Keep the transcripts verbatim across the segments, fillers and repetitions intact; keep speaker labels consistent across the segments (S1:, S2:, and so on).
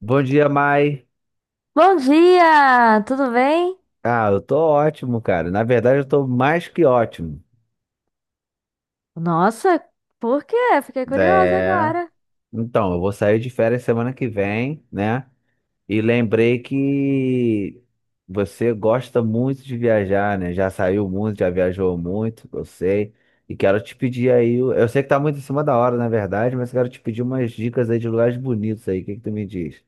S1: Bom dia, Mai.
S2: Bom dia, tudo bem?
S1: Ah, eu tô ótimo, cara. Na verdade, eu tô mais que ótimo.
S2: Nossa, por quê? Fiquei curiosa
S1: É.
S2: agora.
S1: Então, eu vou sair de férias semana que vem, né? E
S2: Hum.
S1: lembrei que você gosta muito de viajar, né? Já saiu muito, já viajou muito, eu sei. E quero te pedir aí. Eu sei que tá muito em cima da hora, na verdade, mas quero te pedir umas dicas aí de lugares bonitos aí. O que que tu me diz?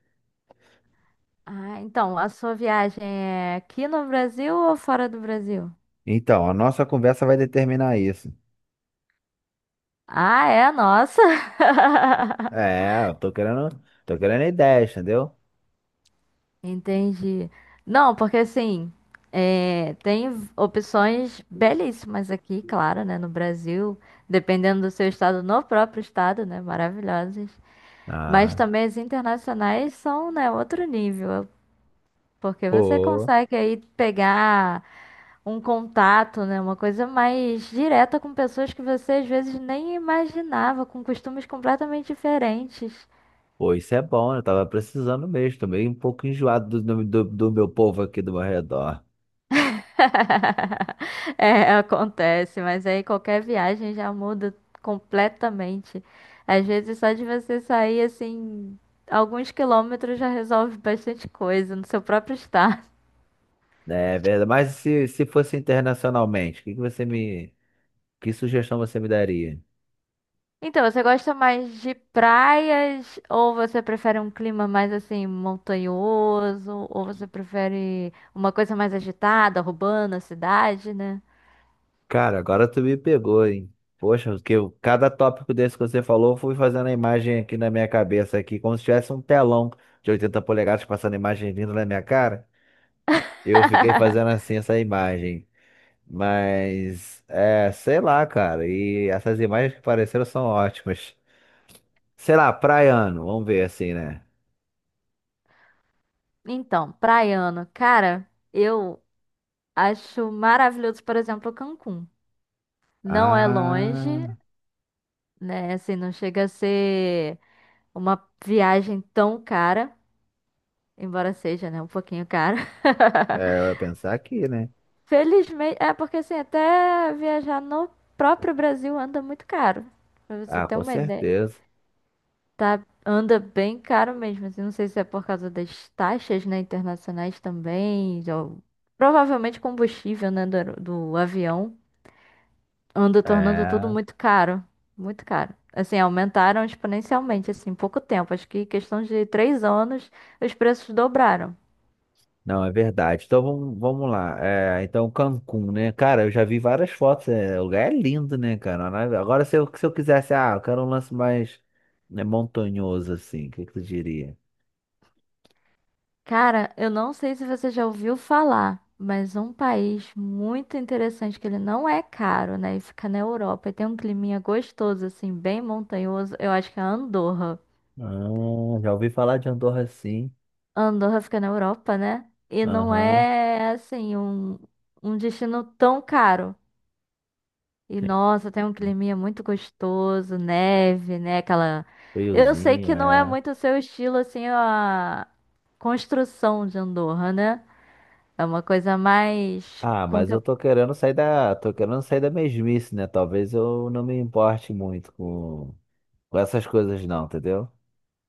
S2: Ah, então, a sua viagem é aqui no Brasil ou fora do Brasil?
S1: Então, a nossa conversa vai determinar isso.
S2: Ah, é? Nossa!
S1: É, eu tô querendo, tô querendo ideias, entendeu?
S2: Entendi. Não, porque assim, é, tem opções belíssimas aqui, claro, né, no Brasil, dependendo do seu estado, no próprio estado, né, maravilhosas. Mas
S1: Ah.
S2: também as internacionais são, né, outro nível. Porque você
S1: Pô,
S2: consegue aí pegar um contato, né? Uma coisa mais direta com pessoas que você às vezes nem imaginava, com costumes completamente diferentes.
S1: pô, isso é bom, eu tava precisando mesmo, tô meio um pouco enjoado do, do, do meu povo aqui do meu redor.
S2: É, acontece, mas aí qualquer viagem já muda completamente. Às vezes só de você sair assim, alguns quilômetros já resolve bastante coisa no seu próprio estado.
S1: É verdade, mas se, se fosse internacionalmente, o que que você me, que sugestão você me daria?
S2: Então, você gosta mais de praias ou você prefere um clima mais assim montanhoso ou você prefere uma coisa mais agitada, urbana, cidade, né?
S1: Cara, agora tu me pegou, hein? Poxa, porque eu- cada tópico desse que você falou, eu fui fazendo a imagem aqui na minha cabeça aqui, como se tivesse um telão de oitenta polegadas passando a imagem vindo na minha cara. Eu fiquei fazendo assim essa imagem. Mas, é, sei lá, cara. E essas imagens que apareceram são ótimas. Sei lá, praiano, vamos ver assim, né?
S2: Então, praiano, cara, eu acho maravilhoso, por exemplo, Cancún. Não é longe,
S1: Ah,
S2: né? Assim, não chega a ser uma viagem tão cara, embora seja, né, um pouquinho cara.
S1: é, eu ia pensar aqui, né?
S2: Felizmente, é porque assim, até viajar no próprio Brasil anda muito caro. Pra você
S1: Ah,
S2: ter
S1: com
S2: uma ideia,
S1: certeza.
S2: tá? Anda bem caro mesmo. Assim, não sei se é por causa das taxas, né, internacionais também, ou provavelmente combustível, né, do, aero- do avião, anda tornando tudo
S1: É,
S2: muito caro, muito caro. Assim, aumentaram exponencialmente, assim, em pouco tempo. Acho que em questão de três anos, os preços dobraram.
S1: não, é verdade. Então vamos, vamos lá. É, então Cancún, né? Cara, eu já vi várias fotos. É, o lugar é lindo, né, cara? Na- Agora, se eu, se eu quisesse, ah, eu quero um lance mais, né, montanhoso, assim, o que que tu diria?
S2: Cara, eu não sei se você já ouviu falar, mas um país muito interessante, que ele não é caro, né? E fica na Europa e tem um climinha gostoso, assim, bem montanhoso. Eu acho que é Andorra.
S1: Ah, já ouvi falar de Andorra, sim.
S2: Andorra fica na Europa, né? E não
S1: Aham.
S2: é, assim, um, um destino tão caro. E nossa, tem um climinha muito gostoso, neve, né? Aquela. Eu sei
S1: Friozinho,
S2: que não é
S1: é.
S2: muito o seu estilo, assim, a construção de Andorra, né? É uma coisa mais.
S1: Ah, mas eu tô querendo sair da, tô querendo sair da mesmice, né? Talvez eu não me importe muito com, com essas coisas não, entendeu?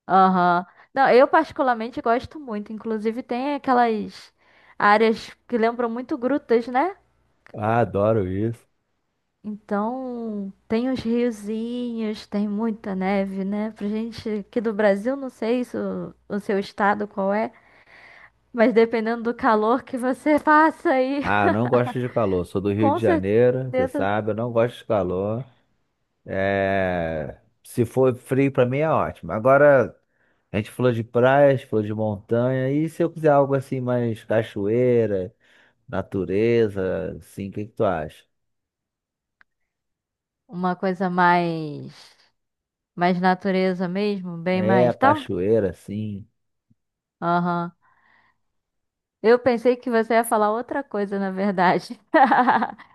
S2: Aham. Não, eu particularmente gosto muito. Inclusive tem aquelas áreas que lembram muito grutas, né?
S1: Ah, adoro isso.
S2: Então tem os riozinhos, tem muita neve, né? Pra gente aqui do Brasil, não sei se o, o seu estado qual é, mas dependendo do calor que você passa aí,
S1: Ah, não gosto de calor. Sou do Rio de
S2: com
S1: Janeiro, você
S2: certeza
S1: sabe, eu não gosto de calor. É, se for frio pra mim é ótimo. Agora, a gente falou de praias, falou de montanha, e se eu quiser algo assim mais cachoeira, natureza, assim, o que que tu acha?
S2: uma coisa mais mais natureza mesmo, bem
S1: É,
S2: mais tal.
S1: cachoeira, sim.
S2: Aham. Eu pensei que você ia falar outra coisa, na verdade.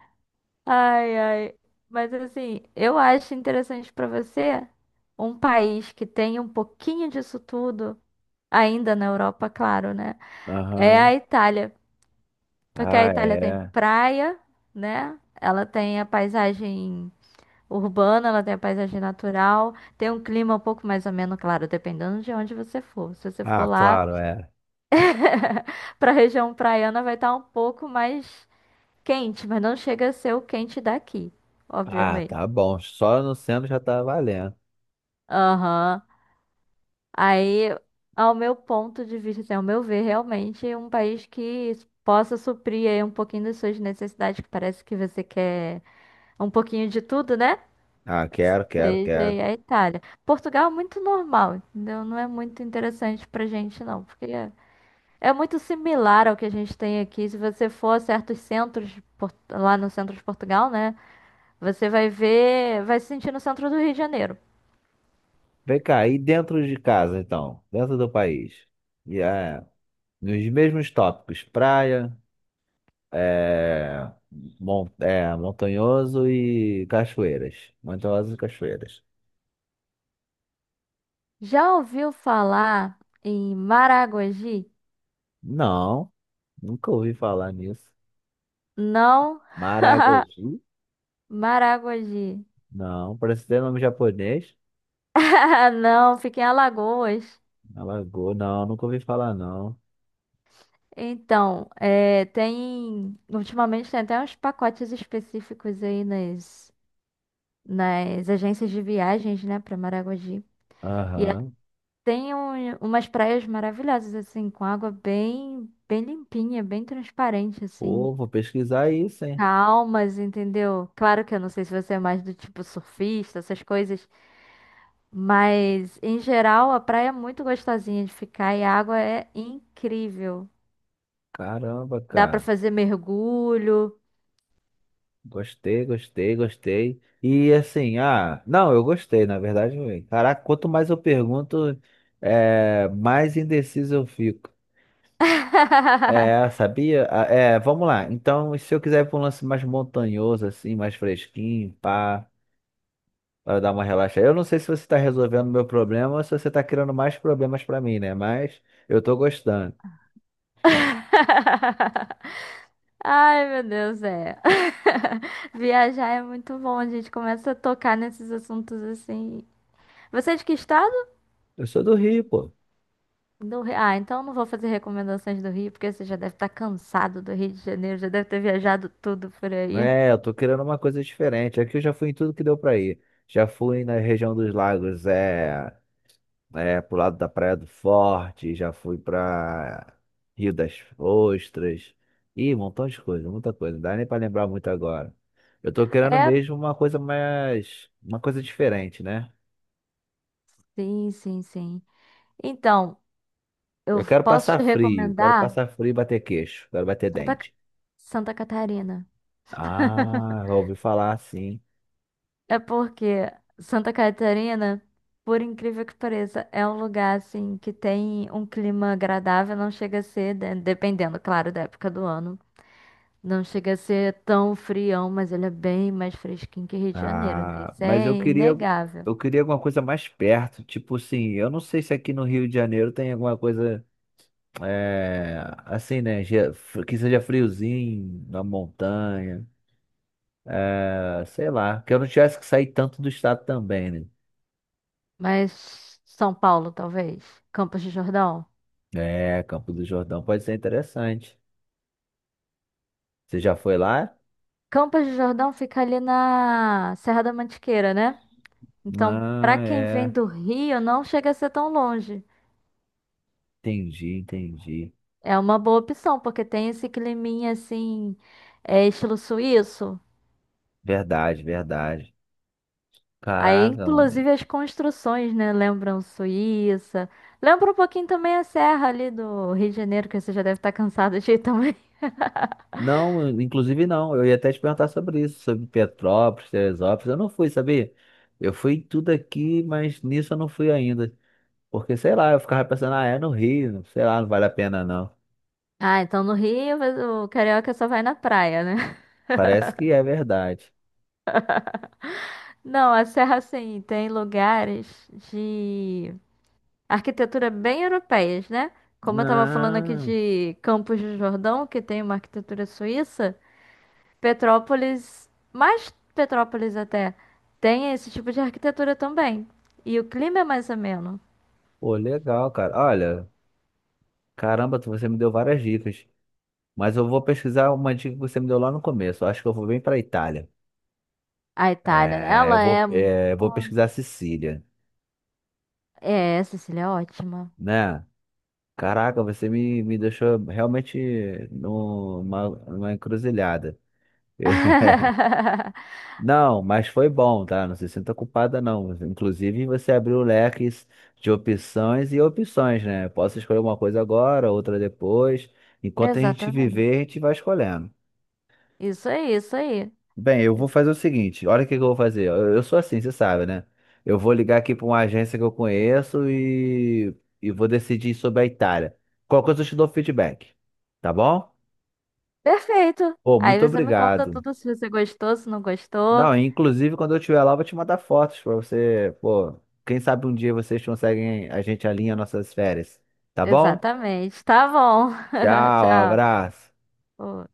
S2: Ai, ai. Mas assim, eu acho interessante para você um país que tem um pouquinho disso tudo, ainda na Europa, claro, né? É a
S1: Aham.
S2: Itália. Porque a
S1: Ah,
S2: Itália tem
S1: é.
S2: praia, né? Ela tem a paisagem urbana, ela tem a paisagem natural, tem um clima um pouco mais ameno, claro, dependendo de onde você for. Se você for
S1: Ah,
S2: lá
S1: claro, é.
S2: para a região praiana, vai estar um pouco mais quente, mas não chega a ser o quente daqui,
S1: Ah,
S2: obviamente.
S1: tá bom. Só no centro já tá valendo.
S2: Aham. Aí, ao meu ponto de vista, assim, ao meu ver, realmente um país que possa suprir aí um pouquinho das suas necessidades, que parece que você quer um pouquinho de tudo, né?
S1: Ah, quero, quero,
S2: Seja
S1: quero.
S2: aí a Itália. Portugal é muito normal, entendeu? Não é muito interessante pra gente, não, porque é é muito similar ao que a gente tem aqui. Se você for a certos centros, de Por- lá no centro de Portugal, né? Você vai ver, vai se sentir no centro do Rio de Janeiro.
S1: Vem cá, e dentro de casa, então? Dentro do país. E é, nos mesmos tópicos, praia, é, mon- é, montanhoso e cachoeiras. Montanhosos e cachoeiras.
S2: Já ouviu falar em Maragogi?
S1: Não, nunca ouvi falar nisso.
S2: Não.
S1: Maragogi?
S2: Maragogi.
S1: Não, parece ter nome japonês.
S2: Ah, não, fica em Alagoas.
S1: Alagoas, não, nunca ouvi falar, não.
S2: Então, é, tem. Ultimamente tem até uns pacotes específicos aí nas, nas agências de viagens, né, para Maragogi. E ela
S1: Aham.
S2: tem um- umas praias maravilhosas, assim, com água bem, bem limpinha, bem transparente, assim.
S1: Pô, vou pesquisar isso, hein?
S2: Calmas, entendeu? Claro que eu não sei se você é mais do tipo surfista, essas coisas. Mas, em geral, a praia é muito gostosinha de ficar e a água é incrível.
S1: Caramba,
S2: Dá pra
S1: cara.
S2: fazer mergulho.
S1: Gostei, gostei, gostei. E assim, ah, não, eu gostei, na verdade. eu- Caraca, quanto mais eu pergunto, é, mais indeciso eu fico. É, sabia? Ah, é, vamos lá. Então, se eu quiser ir pra um lance mais montanhoso, assim, mais fresquinho, pá, para dar uma relaxada. Eu não sei se você tá resolvendo meu problema ou se você tá criando mais problemas pra mim, né? Mas eu tô gostando.
S2: Ai, meu Deus, é. Viajar é muito bom, a gente começa a tocar nesses assuntos assim. Você é de que estado?
S1: Eu sou do Rio, pô.
S2: Do Rio. Ah, então eu não vou fazer recomendações do Rio, porque você já deve estar cansado do Rio de Janeiro, já deve ter viajado tudo por aí.
S1: É, eu tô querendo uma coisa diferente. Aqui eu já fui em tudo que deu pra ir. Já fui na região dos lagos, é, é pro lado da Praia do Forte, já fui pra Rio das Ostras. Ih, um montão de coisa, muita coisa. Não dá nem pra lembrar muito agora. Eu tô querendo
S2: É,
S1: mesmo uma coisa mais, uma coisa diferente, né?
S2: sim, sim, sim. Então, eu
S1: Eu quero
S2: posso
S1: passar
S2: te
S1: frio, quero
S2: recomendar
S1: passar frio e bater queixo, quero bater
S2: Santa, Ca-
S1: dente.
S2: Santa Catarina.
S1: Ah, eu ouvi falar sim.
S2: É porque Santa Catarina, por incrível que pareça, é um lugar assim que tem um clima agradável, não chega a ser, de- dependendo, claro, da época do ano, não chega a ser tão frião, mas ele é bem mais fresquinho que Rio de Janeiro, né?
S1: Ah,
S2: Isso
S1: mas eu
S2: é
S1: queria,
S2: inegável.
S1: eu queria alguma coisa mais perto, tipo assim, eu não sei se aqui no Rio de Janeiro tem alguma coisa é, assim, né, ge- que seja friozinho, na montanha, ah, sei lá, que eu não tivesse que sair tanto do estado também, né?
S2: Mas São Paulo, talvez, Campos de Jordão.
S1: É, Campo do Jordão pode ser interessante. Você já foi lá?
S2: Campos de Jordão fica ali na Serra da Mantiqueira, né? Então, pra
S1: Ah,
S2: quem vem
S1: é,
S2: do Rio, não chega a ser tão longe.
S1: entendi, entendi.
S2: É uma boa opção, porque tem esse climinha assim, é, estilo suíço.
S1: Verdade, verdade.
S2: Aí,
S1: Caraca, mano.
S2: inclusive, as construções, né? Lembram Suíça. Lembra um pouquinho também a serra ali do Rio de Janeiro, que você já deve estar cansado de ir também.
S1: Não, inclusive não. Eu ia até te perguntar sobre isso, sobre Petrópolis, Teresópolis. Eu não fui, sabia? Eu fui em tudo aqui, mas nisso eu não fui ainda. Porque, sei lá, eu ficava pensando, ah, é no Rio, sei lá, não vale a pena não.
S2: Ah, então no Rio, mas o carioca só vai na praia, né?
S1: Parece que é verdade.
S2: Não, a serra, assim, tem lugares de arquitetura bem europeias, né? Como eu tava falando aqui
S1: Ah,
S2: de Campos do Jordão, que tem uma arquitetura suíça. Petrópolis, mais Petrópolis até, tem esse tipo de arquitetura também. E o clima é mais ameno.
S1: pô, legal, cara. Olha, caramba, tu- você me deu várias dicas. Mas eu vou pesquisar uma dica que você me deu lá no começo. Eu acho que eu vou bem pra Itália.
S2: A Itália, né?
S1: É, eu
S2: Ela
S1: vou,
S2: é.
S1: é, eu vou pesquisar Sicília,
S2: É, Sicília é ótima.
S1: né? Caraca, você me, me deixou realmente numa, numa encruzilhada. Não, mas foi bom, tá? Não se sinta culpada, não. Inclusive, você abriu leques de opções e opções, né? Posso escolher uma coisa agora, outra depois. Enquanto a gente
S2: Exatamente.
S1: viver, a gente vai escolhendo.
S2: Isso aí, isso aí.
S1: Bem, eu vou fazer o seguinte: olha o que que eu vou fazer. Eu, eu sou assim, você sabe, né? Eu vou ligar aqui para uma agência que eu conheço e, e vou decidir sobre a Itália. Qualquer coisa eu te dou feedback, tá bom?
S2: Perfeito.
S1: Pô,
S2: Aí
S1: muito
S2: você me conta
S1: obrigado.
S2: tudo se você gostou, se não gostou.
S1: Não, inclusive quando eu estiver lá, eu vou te mandar fotos pra você. Pô, quem sabe um dia vocês conseguem, a gente alinha nossas férias. Tá bom?
S2: Exatamente. Tá bom.
S1: Tchau, abraço.
S2: Tchau.